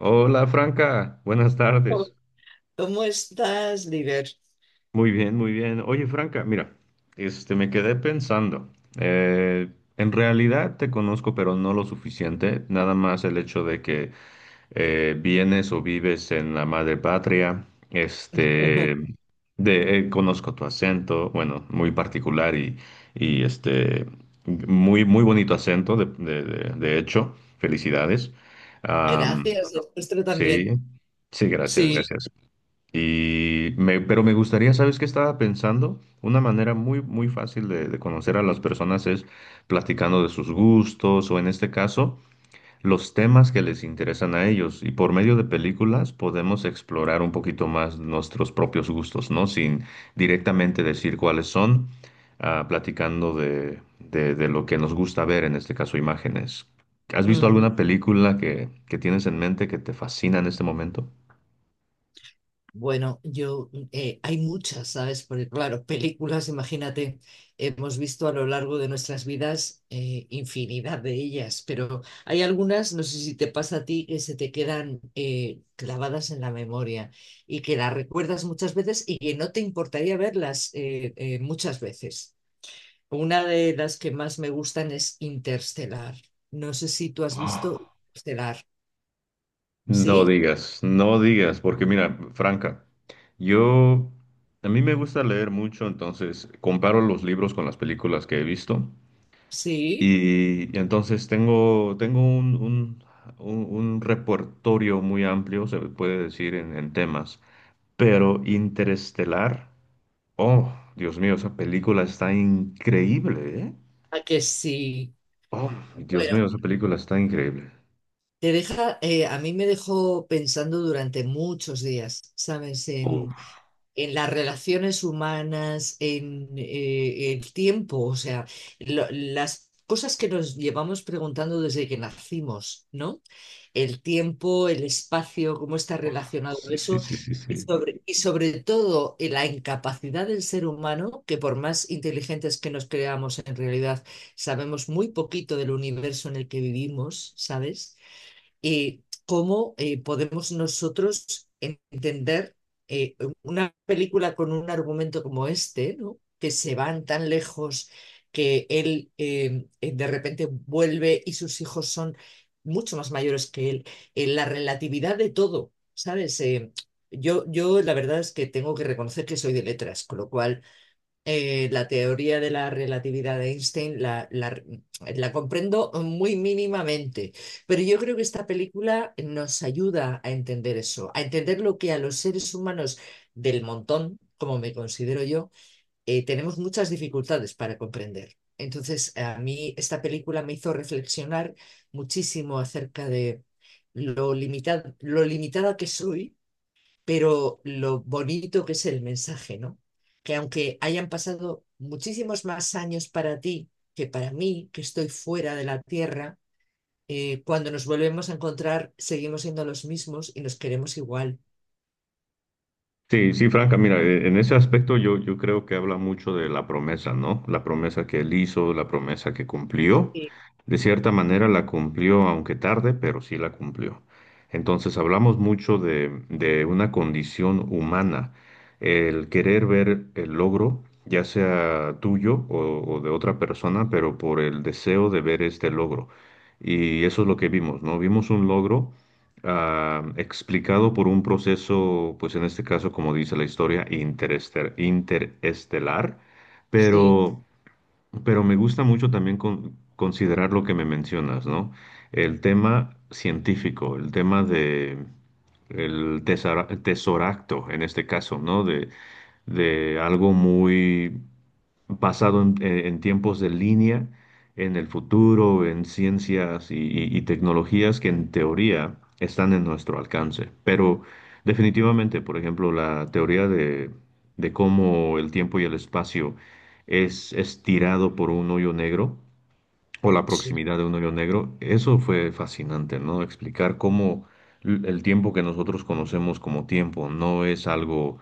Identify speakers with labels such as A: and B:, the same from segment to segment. A: Hola Franca, buenas tardes.
B: ¿Cómo estás, líder?
A: Muy bien, muy bien. Oye Franca, mira, este me quedé pensando. eh, en realidad te conozco, pero no lo suficiente. Nada más el hecho de que vienes o vives en la madre patria. Este, conozco tu acento, bueno, muy particular y muy, muy bonito acento, de hecho. Felicidades. Am,
B: Gracias, el
A: sí,
B: también.
A: sí, gracias,
B: Sí.
A: gracias. Pero me gustaría, ¿sabes qué estaba pensando? Una manera muy, muy fácil de conocer a las personas es platicando de sus gustos o, en este caso, los temas que les interesan a ellos. Y por medio de películas podemos explorar un poquito más nuestros propios gustos, ¿no? Sin directamente decir cuáles son, platicando de lo que nos gusta ver, en este caso, imágenes. ¿Has visto
B: Ujú.
A: alguna película que tienes en mente que te fascina en este momento?
B: Bueno, yo, hay muchas, ¿sabes? Porque claro, películas, imagínate, hemos visto a lo largo de nuestras vidas infinidad de ellas, pero hay algunas, no sé si te pasa a ti, que se te quedan clavadas en la memoria y que las recuerdas muchas veces y que no te importaría verlas muchas veces. Una de las que más me gustan es Interstellar. No sé si tú has visto Interstellar.
A: No
B: ¿Sí?
A: digas, no digas, porque mira, Franca, yo, a mí me gusta leer mucho, entonces comparo los libros con las películas que he visto
B: ¿Sí?
A: y entonces tengo, tengo un repertorio muy amplio, se puede decir, en temas, pero Interestelar, oh, Dios mío, esa película está increíble, ¿eh?
B: ¿A que sí?
A: Oh, Dios
B: Bueno,
A: mío, esa película está increíble.
B: te deja, a mí me dejó pensando durante muchos días, ¿sabes?
A: Uf,
B: En las relaciones humanas, en el tiempo, o sea, las cosas que nos llevamos preguntando desde que nacimos, ¿no? El tiempo, el espacio, cómo está
A: oh,
B: relacionado
A: sí, sí,
B: eso.
A: sí, sí, sí.
B: Y sobre todo la incapacidad del ser humano, que por más inteligentes que nos creamos, en realidad sabemos muy poquito del universo en el que vivimos, ¿sabes? Cómo podemos nosotros entender eh, una película con un argumento como este, ¿no? Que se van tan lejos que él de repente vuelve y sus hijos son mucho más mayores que él. La relatividad de todo, ¿sabes? Yo, la verdad es que tengo que reconocer que soy de letras, con lo cual la teoría de la relatividad de Einstein la comprendo muy mínimamente, pero yo creo que esta película nos ayuda a entender eso, a entender lo que a los seres humanos del montón, como me considero yo, tenemos muchas dificultades para comprender. Entonces, a mí esta película me hizo reflexionar muchísimo acerca de lo limitada que soy, pero lo bonito que es el mensaje, ¿no? Que aunque hayan pasado muchísimos más años para ti que para mí, que estoy fuera de la Tierra, cuando nos volvemos a encontrar seguimos siendo los mismos y nos queremos igual.
A: Sí, sí, Franca, mira, en ese aspecto yo creo que habla mucho de la promesa, ¿no? La promesa que él hizo, la promesa que cumplió.
B: Sí,
A: De cierta manera la cumplió, aunque tarde, pero sí la cumplió. Entonces hablamos mucho de una condición humana, el querer ver el logro, ya sea tuyo o de otra persona, pero por el deseo de ver este logro. Y eso es lo que vimos, ¿no? Vimos un logro explicado por un proceso, pues en este caso, como dice la historia, interestelar,
B: sí,
A: pero, pero me gusta mucho también considerar lo que me mencionas, ¿no? El tema científico, el tema de el tesoracto, en este caso, ¿no? De algo muy basado en tiempos de línea, en el futuro, en ciencias y tecnologías que en teoría están en nuestro alcance. Pero definitivamente, por ejemplo, la teoría de cómo el tiempo y el espacio es estirado por un hoyo negro, o la
B: sí.
A: proximidad de un hoyo negro, eso fue fascinante, ¿no? Explicar cómo el tiempo que nosotros conocemos como tiempo no es algo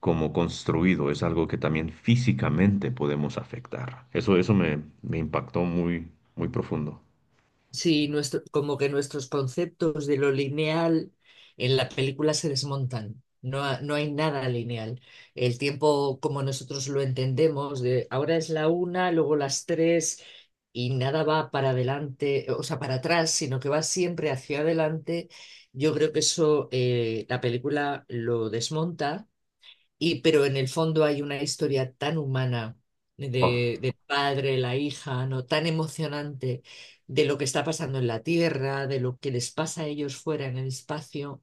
A: como construido, es algo que también físicamente podemos afectar. Eso, me impactó muy, muy profundo.
B: Sí, nuestro, como que nuestros conceptos de lo lineal en la película se desmontan. No, no hay nada lineal. El tiempo, como nosotros lo entendemos, de ahora es la una, luego las tres, y nada va para adelante, o sea, para atrás, sino que va siempre hacia adelante. Yo creo que eso, la película lo desmonta y, pero en el fondo hay una historia tan humana
A: Oh,
B: de, del padre, la hija, ¿no? Tan emocionante de lo que está pasando en la Tierra, de lo que les pasa a ellos fuera en el espacio.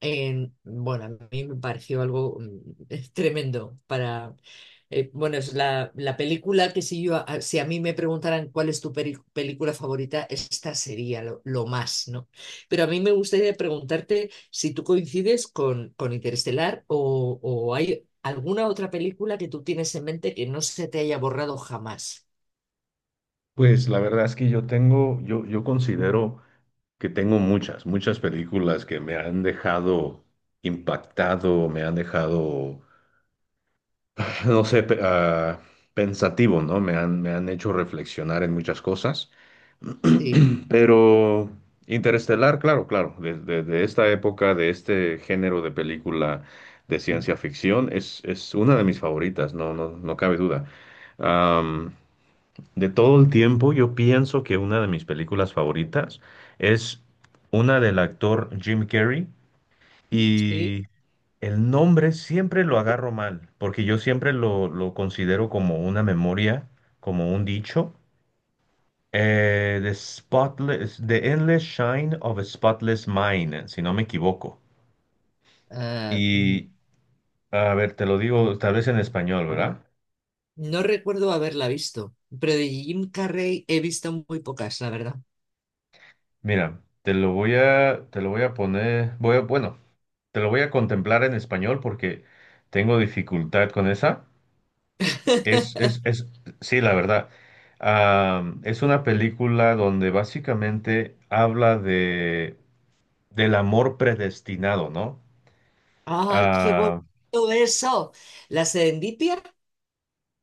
B: Bueno, a mí me pareció algo tremendo para... bueno, es la, la película que si yo, si a mí me preguntaran cuál es tu película favorita, esta sería lo más, ¿no? Pero a mí me gustaría preguntarte si tú coincides con Interestelar o hay alguna otra película que tú tienes en mente que no se te haya borrado jamás.
A: pues la verdad es que yo tengo, yo considero que tengo muchas, muchas películas que me han dejado impactado, me han dejado no sé, pensativo, ¿no? Me han hecho reflexionar en muchas cosas.
B: Sí,
A: Pero Interestelar, claro, claro, desde de esta época, de este género de película de ciencia ficción, es una de mis favoritas, no, no, no cabe duda. Am, de todo el tiempo, yo pienso que una de mis películas favoritas es una del actor Jim Carrey.
B: sí.
A: Y el nombre siempre lo agarro mal, porque yo siempre lo considero como una memoria, como un dicho. The spotless, the endless shine of a spotless mind, si no me equivoco.
B: Ah, mm,
A: Y a ver, te lo digo tal vez en español, ¿verdad?
B: no recuerdo haberla visto, pero de Jim Carrey he visto muy pocas, la verdad.
A: Mira, te lo voy a poner, bueno, te lo voy a contemplar en español porque tengo dificultad con esa. Es, sí, la verdad. Ah, es una película donde básicamente habla del amor predestinado, ¿no?
B: Ay, qué
A: Ah,
B: bonito eso. La Serendipia.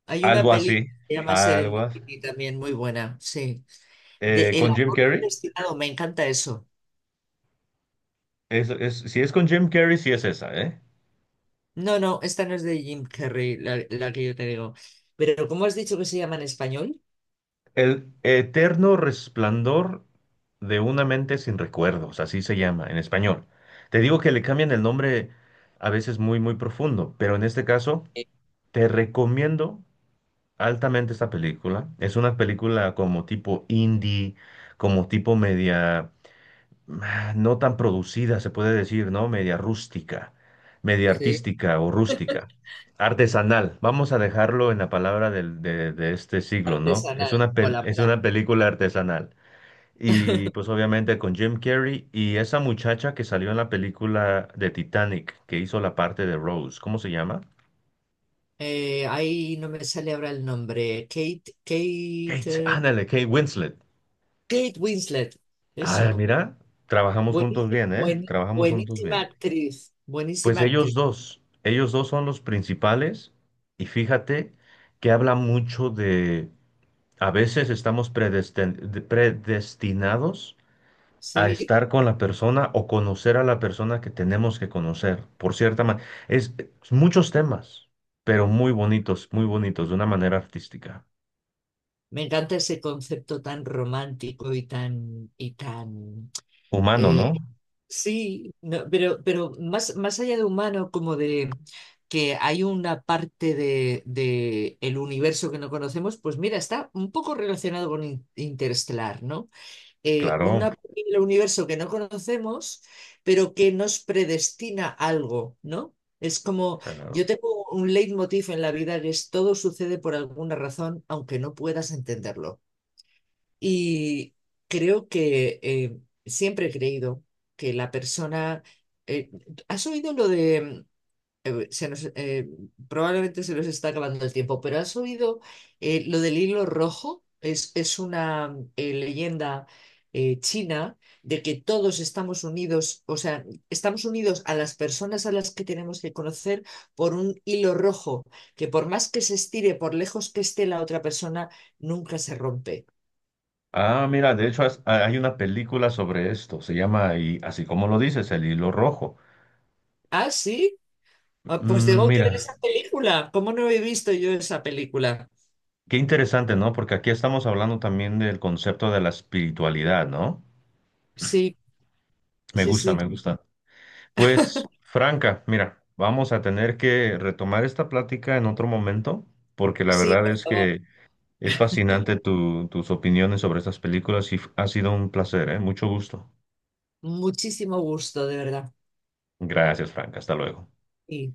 B: Hay una
A: algo
B: película
A: así,
B: que se llama
A: algo así.
B: Serendipity también muy buena. Sí. De El
A: ¿Con Jim
B: amor
A: Carrey?
B: predestinado. Me encanta eso.
A: Si es con Jim Carrey, sí es esa, ¿eh?
B: No, no, esta no es de Jim Carrey, la que yo te digo. Pero ¿cómo has dicho que se llama en español?
A: El eterno resplandor de una mente sin recuerdos, así se llama en español. Te digo que le cambian el nombre a veces muy, muy profundo, pero en este caso
B: Eh,
A: te recomiendo altamente esta película. Es una película como tipo indie, como tipo media, no tan producida, se puede decir, ¿no? Media rústica, media
B: Sí.
A: artística o rústica. Artesanal, vamos a dejarlo en la palabra de este siglo, ¿no? Es
B: Artesanal
A: una,
B: o la
A: es
B: moda.
A: una película artesanal. Y pues obviamente con Jim Carrey y esa muchacha que salió en la película de Titanic, que hizo la parte de Rose, ¿cómo se llama?
B: Ahí no me sale ahora el nombre. Kate,
A: Kate,
B: Kate,
A: ándale, Kate Winslet.
B: Kate Winslet.
A: Ah,
B: Eso.
A: mira, trabajamos juntos
B: Buenísima,
A: bien, ¿eh?
B: buen,
A: Trabajamos juntos
B: buenísima
A: bien.
B: actriz.
A: Pues
B: Buenísima actriz.
A: ellos dos son los principales y fíjate que habla mucho de, a veces estamos predestinados a
B: Sí,
A: estar con la persona o conocer a la persona que tenemos que conocer, por cierta manera. Es muchos temas, pero muy bonitos, de una manera artística.
B: me encanta ese concepto tan romántico y tan,
A: Humano,
B: eh,
A: ¿no?
B: sí, no, pero más, más allá de humano, como de que hay una parte de el universo que no conocemos, pues mira, está un poco relacionado con Interestelar, ¿no?
A: Claro,
B: Una posible universo que no conocemos, pero que nos predestina algo, ¿no? Es como,
A: claro.
B: yo tengo un leitmotiv en la vida que es todo sucede por alguna razón, aunque no puedas entenderlo. Y creo que siempre he creído que la persona... eh, ¿has oído lo de se nos, probablemente se nos está acabando el tiempo, pero ¿has oído lo del hilo rojo? Es una leyenda china de que todos estamos unidos, o sea, estamos unidos a las personas a las que tenemos que conocer por un hilo rojo, que por más que se estire, por lejos que esté la otra persona, nunca se rompe.
A: Ah, mira, de hecho hay una película sobre esto, se llama, y así como lo dices, El Hilo Rojo.
B: ¿Ah, sí? Ah, pues
A: Mm,
B: tengo que ver
A: mira,
B: esa película. ¿Cómo no he visto yo esa película?
A: qué interesante, ¿no? Porque aquí estamos hablando también del concepto de la espiritualidad, ¿no?
B: Sí,
A: Me
B: sí,
A: gusta,
B: sí.
A: me gusta. Pues, Franca, mira, vamos a tener que retomar esta plática en otro momento, porque la
B: Sí,
A: verdad
B: por
A: es
B: favor.
A: que es fascinante tus opiniones sobre estas películas y ha sido un placer, ¿eh? Mucho gusto.
B: Muchísimo gusto, de verdad.
A: Gracias, Franca, hasta luego.
B: Y